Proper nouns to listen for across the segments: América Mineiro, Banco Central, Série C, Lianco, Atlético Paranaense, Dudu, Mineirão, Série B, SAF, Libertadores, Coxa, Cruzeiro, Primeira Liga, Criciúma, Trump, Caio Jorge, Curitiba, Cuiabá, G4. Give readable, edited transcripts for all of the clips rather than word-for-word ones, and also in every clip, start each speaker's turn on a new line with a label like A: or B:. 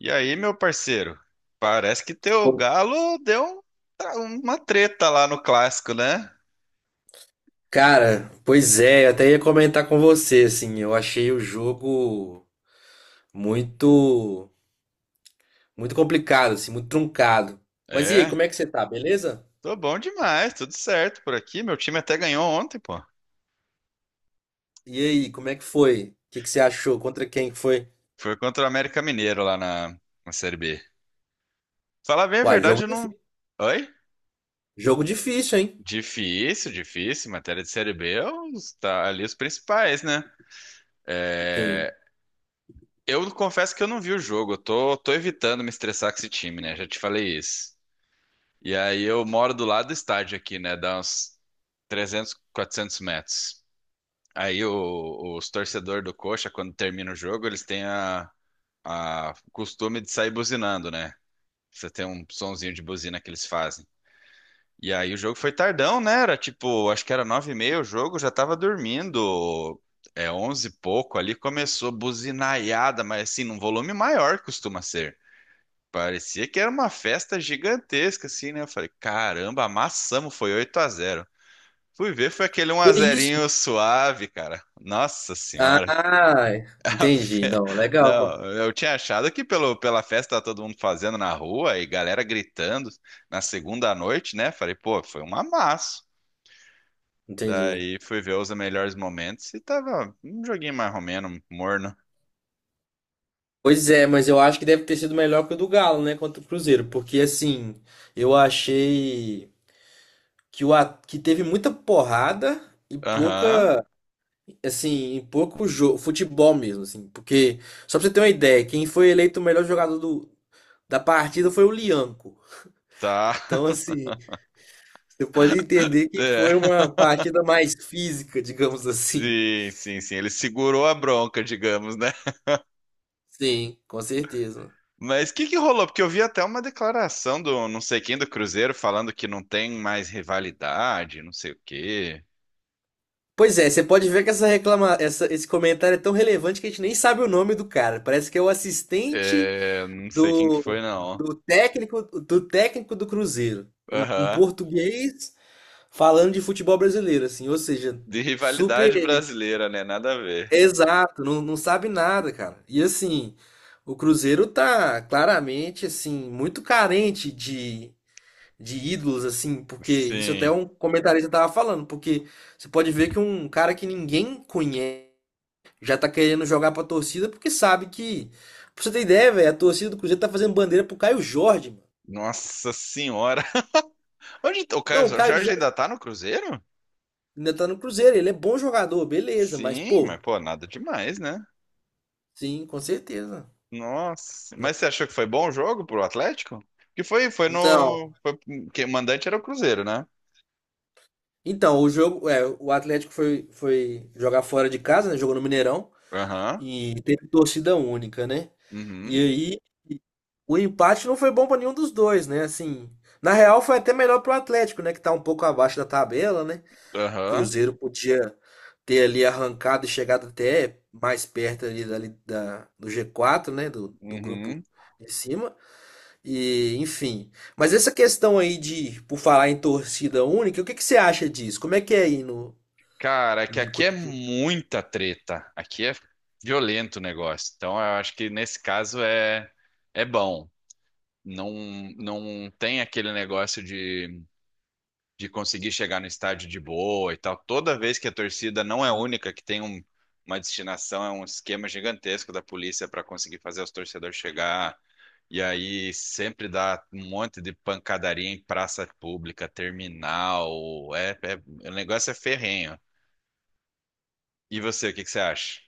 A: E aí, meu parceiro? Parece que teu
B: Pô,
A: galo deu uma treta lá no clássico, né?
B: cara, pois é, eu até ia comentar com você, assim, eu achei o jogo muito, muito complicado, assim, muito truncado. Mas e aí,
A: É,
B: como é que você tá, beleza?
A: tô bom demais, tudo certo por aqui. Meu time até ganhou ontem, pô.
B: E aí, como é que foi? O que que você achou? Contra quem que foi?
A: Foi contra o América Mineiro lá na Série B. Falar bem a
B: Uai,
A: verdade,
B: jogo
A: eu não.
B: difícil.
A: Oi?
B: Jogo difícil, hein?
A: Difícil, difícil. Matéria de Série B, é tá ali os principais, né?
B: Sim.
A: É, eu confesso que eu não vi o jogo. Eu tô evitando me estressar com esse time, né? Já te falei isso. E aí eu moro do lado do estádio aqui, né? Dá uns 300, 400 metros. Aí os torcedores do Coxa, quando termina o jogo, eles têm a o costume de sair buzinando, né? Você tem um sonzinho de buzina que eles fazem. E aí o jogo foi tardão, né? Era tipo, acho que era nove e meia o jogo, já tava dormindo. É onze e pouco ali, começou buzinaiada, mas assim, num volume maior que costuma ser. Parecia que era uma festa gigantesca, assim, né? Eu falei, caramba, amassamos, foi 8-0. Fui ver, foi aquele um
B: Que
A: a 0
B: isso?
A: suave, cara. Nossa senhora.
B: Ah,
A: A
B: entendi.
A: fe-
B: Não, legal, pô.
A: Não, eu tinha achado que pela festa tava todo mundo fazendo na rua e galera gritando na segunda noite, né? Falei, pô, foi um amasso.
B: Entendi.
A: Daí fui ver os melhores momentos e tava um joguinho mais ou menos morno.
B: Pois é, mas eu acho que deve ter sido melhor que o do Galo, né, contra o Cruzeiro, porque assim, eu achei que teve muita porrada e
A: Aham,
B: pouca, assim, e pouco jogo, futebol mesmo, assim, porque, só pra você ter uma ideia, quem foi eleito o melhor jogador da partida foi o Lianco.
A: tá.
B: Então, assim, você pode entender que
A: É.
B: foi uma partida mais física, digamos assim.
A: Sim, sim, sim. Ele segurou a bronca, digamos, né?
B: Sim, com certeza.
A: Mas o que que rolou? Porque eu vi até uma declaração do não sei quem do Cruzeiro falando que não tem mais rivalidade, não sei o quê.
B: Pois é, você pode ver que esse comentário é tão relevante que a gente nem sabe o nome do cara. Parece que é o assistente
A: É, não sei quem que
B: do,
A: foi, não.
B: do técnico do Cruzeiro, um
A: Aham.
B: português falando de futebol brasileiro, assim, ou seja,
A: De rivalidade
B: super
A: brasileira, né? Nada a ver.
B: exato, não sabe nada, cara. E assim, o Cruzeiro tá claramente assim muito carente de ídolos, assim, porque isso até
A: Sim.
B: um comentarista tava falando, porque você pode ver que um cara que ninguém conhece já tá querendo jogar pra torcida porque sabe que. Pra você ter ideia, velho, a torcida do Cruzeiro tá fazendo bandeira pro Caio Jorge, mano.
A: Nossa senhora. Onde o Caio
B: Não, o Caio
A: Jorge
B: Jorge
A: ainda tá no Cruzeiro?
B: ainda tá no Cruzeiro, ele é bom jogador, beleza, mas
A: Sim,
B: pô,
A: mas pô, nada demais, né?
B: sim, com certeza.
A: Nossa,
B: Né?
A: mas você achou que foi bom o jogo pro Atlético? Que foi, foi
B: Não.
A: no, foi, que o mandante era o Cruzeiro, né?
B: Então, o jogo, é, o Atlético foi jogar fora de casa, né? Jogou no Mineirão
A: Aham,
B: e teve torcida única, né? E
A: uhum,
B: aí o empate não foi bom pra nenhum dos dois, né? Assim, na real foi até melhor pro Atlético, né, que tá um pouco abaixo da tabela, né? O
A: aham,
B: Cruzeiro podia ter ali arrancado e chegado até mais perto ali, do G4, né, do
A: uhum.
B: grupo de cima. E, enfim. Mas essa questão aí de, por falar em torcida única, o que que você acha disso? Como é que é aí no,
A: Cara, é que
B: em
A: aqui é
B: Curitiba?
A: muita treta, aqui é violento o negócio. Então eu acho que nesse caso é bom. Não não tem aquele negócio de conseguir chegar no estádio de boa e tal. Toda vez que a torcida não é única, que tem uma destinação, é um esquema gigantesco da polícia para conseguir fazer os torcedores chegar. E aí sempre dá um monte de pancadaria em praça pública, terminal. É, o negócio é ferrenho. E você, o que que você acha?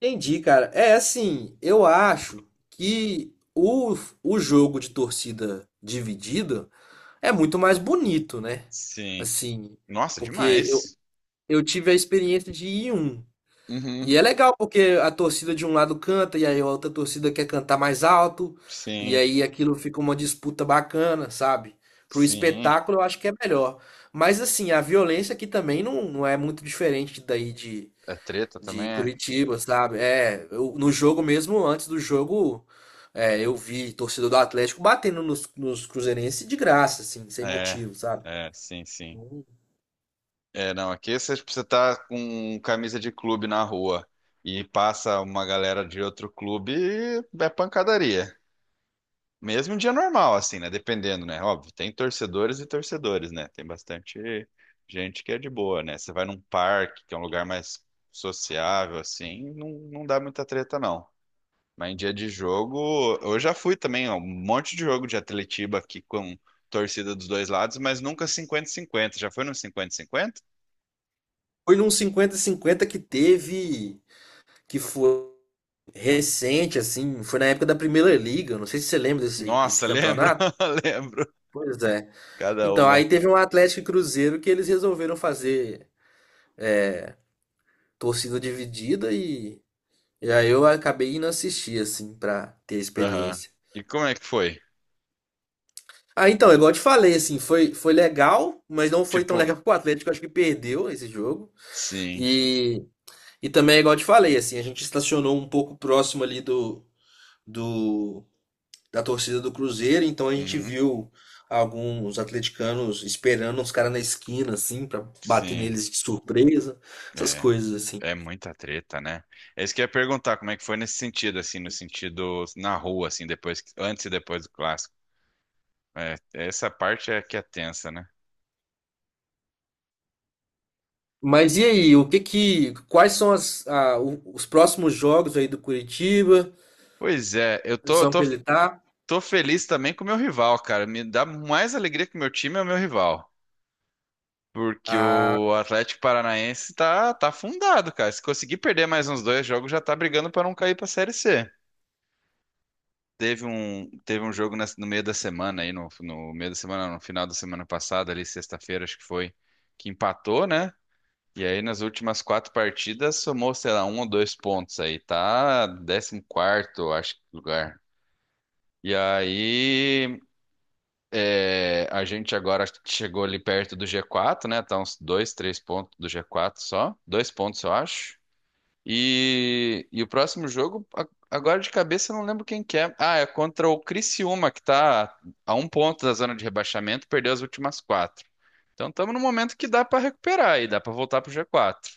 B: Entendi, cara. É assim, eu acho que o jogo de torcida dividida é muito mais bonito, né?
A: Sim.
B: Assim,
A: Nossa,
B: porque eu,
A: demais.
B: eu tive a experiência de ir em um.
A: Uhum.
B: E é legal porque a torcida de um lado canta e aí a outra torcida quer cantar mais alto, e
A: Sim,
B: aí aquilo fica uma disputa bacana, sabe? Pro
A: sim.
B: espetáculo eu acho que é melhor. Mas assim, a violência aqui também não é muito diferente daí de,
A: É treta
B: de
A: também? É,
B: Curitiba, sabe? É, no jogo mesmo, antes do jogo, é, eu vi torcedor do Atlético batendo nos cruzeirenses de graça, assim, sem
A: é,
B: motivo, sabe?
A: é, sim, sim. É, não, aqui você precisa estar com camisa de clube na rua e passa uma galera de outro clube, é pancadaria. Mesmo em dia normal, assim, né? Dependendo, né? Óbvio, tem torcedores e torcedores, né? Tem bastante gente que é de boa, né? Você vai num parque, que é um lugar mais sociável, assim, não, não dá muita treta, não. Mas em dia de jogo, eu já fui também, ó, um monte de jogo de Atletiba aqui com torcida dos dois lados, mas nunca 50-50. Já foi no 50-50.
B: Foi num 50 cinquenta que teve, que foi recente, assim, foi na época da Primeira Liga, não sei se você lembra desse
A: Nossa, lembro,
B: campeonato.
A: lembro.
B: Pois é.
A: Cada
B: Então,
A: uma.
B: aí teve um Atlético e Cruzeiro que eles resolveram fazer torcida dividida e aí eu acabei indo assistir, assim, pra ter a
A: Aham.
B: experiência.
A: E como é que foi?
B: Ah, então, é igual eu te falei, assim, foi legal, mas não foi tão
A: Tipo,
B: legal pro Atlético, acho que perdeu esse jogo.
A: sim.
B: E, e também, é igual eu te falei, assim, a gente estacionou um pouco próximo ali do, do da torcida do Cruzeiro, então a gente
A: Uhum,
B: viu alguns atleticanos esperando uns caras na esquina, assim, pra bater
A: sim.
B: neles de surpresa, essas
A: É,
B: coisas, assim.
A: é muita treta, né? É isso que eu ia perguntar, como é que foi nesse sentido, assim, no sentido na rua, assim, depois, antes e depois do clássico. É, essa parte é que é tensa, né?
B: Mas e aí, o que que, quais são os próximos jogos aí do Curitiba?
A: Pois é, eu
B: A
A: tô,
B: posição
A: tô,
B: que ele tá?
A: tô feliz também com o meu rival, cara. Me dá mais alegria que o meu time é o meu rival. Porque
B: Ah,
A: o Atlético Paranaense tá afundado, cara. Se conseguir perder mais uns dois jogos, já tá brigando pra não cair pra Série C. Teve um jogo no meio da semana aí, no meio da semana, não, no final da semana passada, ali, sexta-feira, acho que foi, que empatou, né? E aí, nas últimas quatro partidas, somou, sei lá, um ou dois pontos aí. Tá 14º acho, lugar. E aí, é, a gente agora chegou ali perto do G4, né? Tá uns dois, três pontos do G4 só. Dois pontos, eu acho. E o próximo jogo, agora de cabeça, eu não lembro quem que é. Ah, é contra o Criciúma, que tá a um ponto da zona de rebaixamento, perdeu as últimas quatro. Então estamos num momento que dá pra recuperar e dá pra voltar pro G4.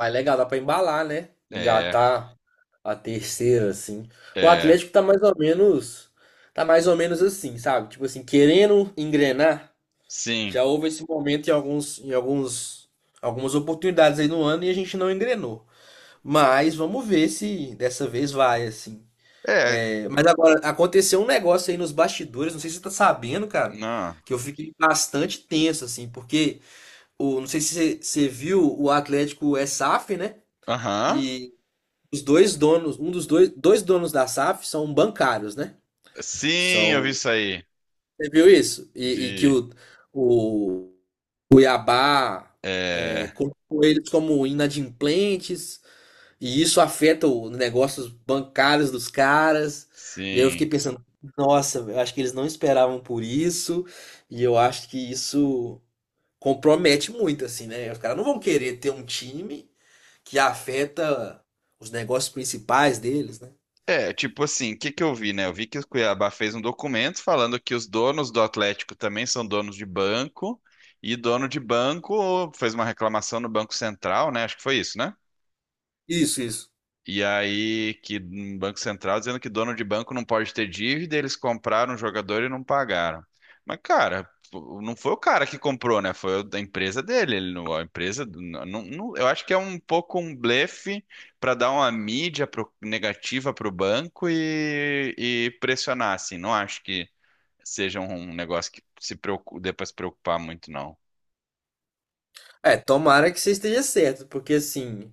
B: é legal, dá pra embalar, né?
A: É,
B: Engatar a terceira, assim. O
A: é,
B: Atlético tá mais ou menos, tá mais ou menos assim, sabe? Tipo assim, querendo engrenar.
A: sim.
B: Já houve esse momento em alguns, algumas oportunidades aí no ano e a gente não engrenou. Mas vamos ver se dessa vez vai, assim.
A: É,
B: É, mas agora, aconteceu um negócio aí nos bastidores, não sei se você tá sabendo, cara,
A: não.
B: que eu fiquei bastante tenso, assim, porque não sei se você viu, o Atlético é SAF, né?
A: Aham.
B: E os dois donos, dois donos da SAF são bancários, né?
A: Sim, eu vi
B: São.
A: isso aí.
B: Você viu isso? E que
A: Vi.
B: o Cuiabá. É,
A: É,
B: colocou eles como inadimplentes, e isso afeta os negócios bancários dos caras. E aí eu fiquei
A: sim.
B: pensando, nossa, eu acho que eles não esperavam por isso, e eu acho que isso compromete muito, assim, né? Os caras não vão querer ter um time que afeta os negócios principais deles, né?
A: É, tipo assim, o que que eu vi, né? Eu vi que o Cuiabá fez um documento falando que os donos do Atlético também são donos de banco, e dono de banco fez uma reclamação no Banco Central, né? Acho que foi isso, né?
B: Isso, isso.
A: E aí, que um Banco Central dizendo que dono de banco não pode ter dívida, eles compraram o jogador e não pagaram. Mas, cara, pô, não foi o cara que comprou, né? Foi o da empresa dele. Ele não, a empresa, não, eu acho que é um pouco um blefe para dar uma mídia negativa para o banco e pressionar, assim. Não acho que seja um negócio que se dê para se preocupar muito, não.
B: É, tomara que você esteja certo, porque assim,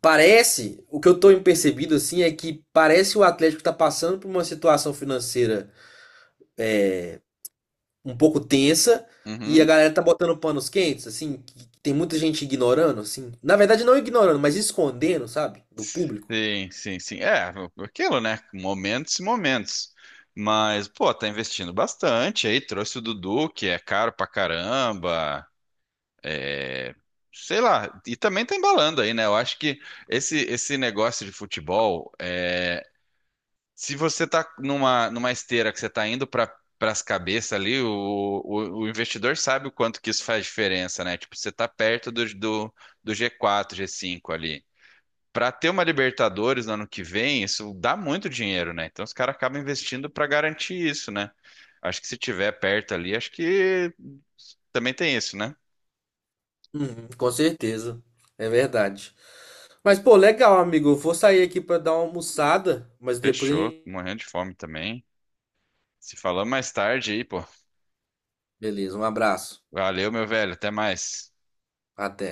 B: parece, o que eu tô percebido assim é que parece que o Atlético tá passando por uma situação financeira um pouco tensa e a
A: Uhum.
B: galera tá botando panos quentes, assim, que tem muita gente ignorando, assim. Na verdade, não ignorando, mas escondendo, sabe? Do público.
A: Sim, sim, sim. É, aquilo, né? Momentos e momentos. Mas, pô, tá investindo bastante aí. Trouxe o Dudu, que é caro pra caramba. É, sei lá. E também tá embalando aí, né? Eu acho que esse negócio de futebol, é, se você tá numa esteira que você tá indo pras cabeças ali, o investidor sabe o quanto que isso faz diferença, né? Tipo, você tá perto do G4 G5 ali. Para ter uma Libertadores no ano que vem, isso dá muito dinheiro, né? Então os caras acabam investindo para garantir isso, né? Acho que se tiver perto ali, acho que também tem isso, né?
B: Uhum, com certeza. É verdade. Mas, pô, legal, amigo. Eu vou sair aqui pra dar uma almoçada, mas depois a
A: Fechou,
B: gente.
A: tô morrendo de fome também. Se falamos mais tarde aí, pô.
B: Beleza, um abraço.
A: Valeu, meu velho, até mais.
B: Até.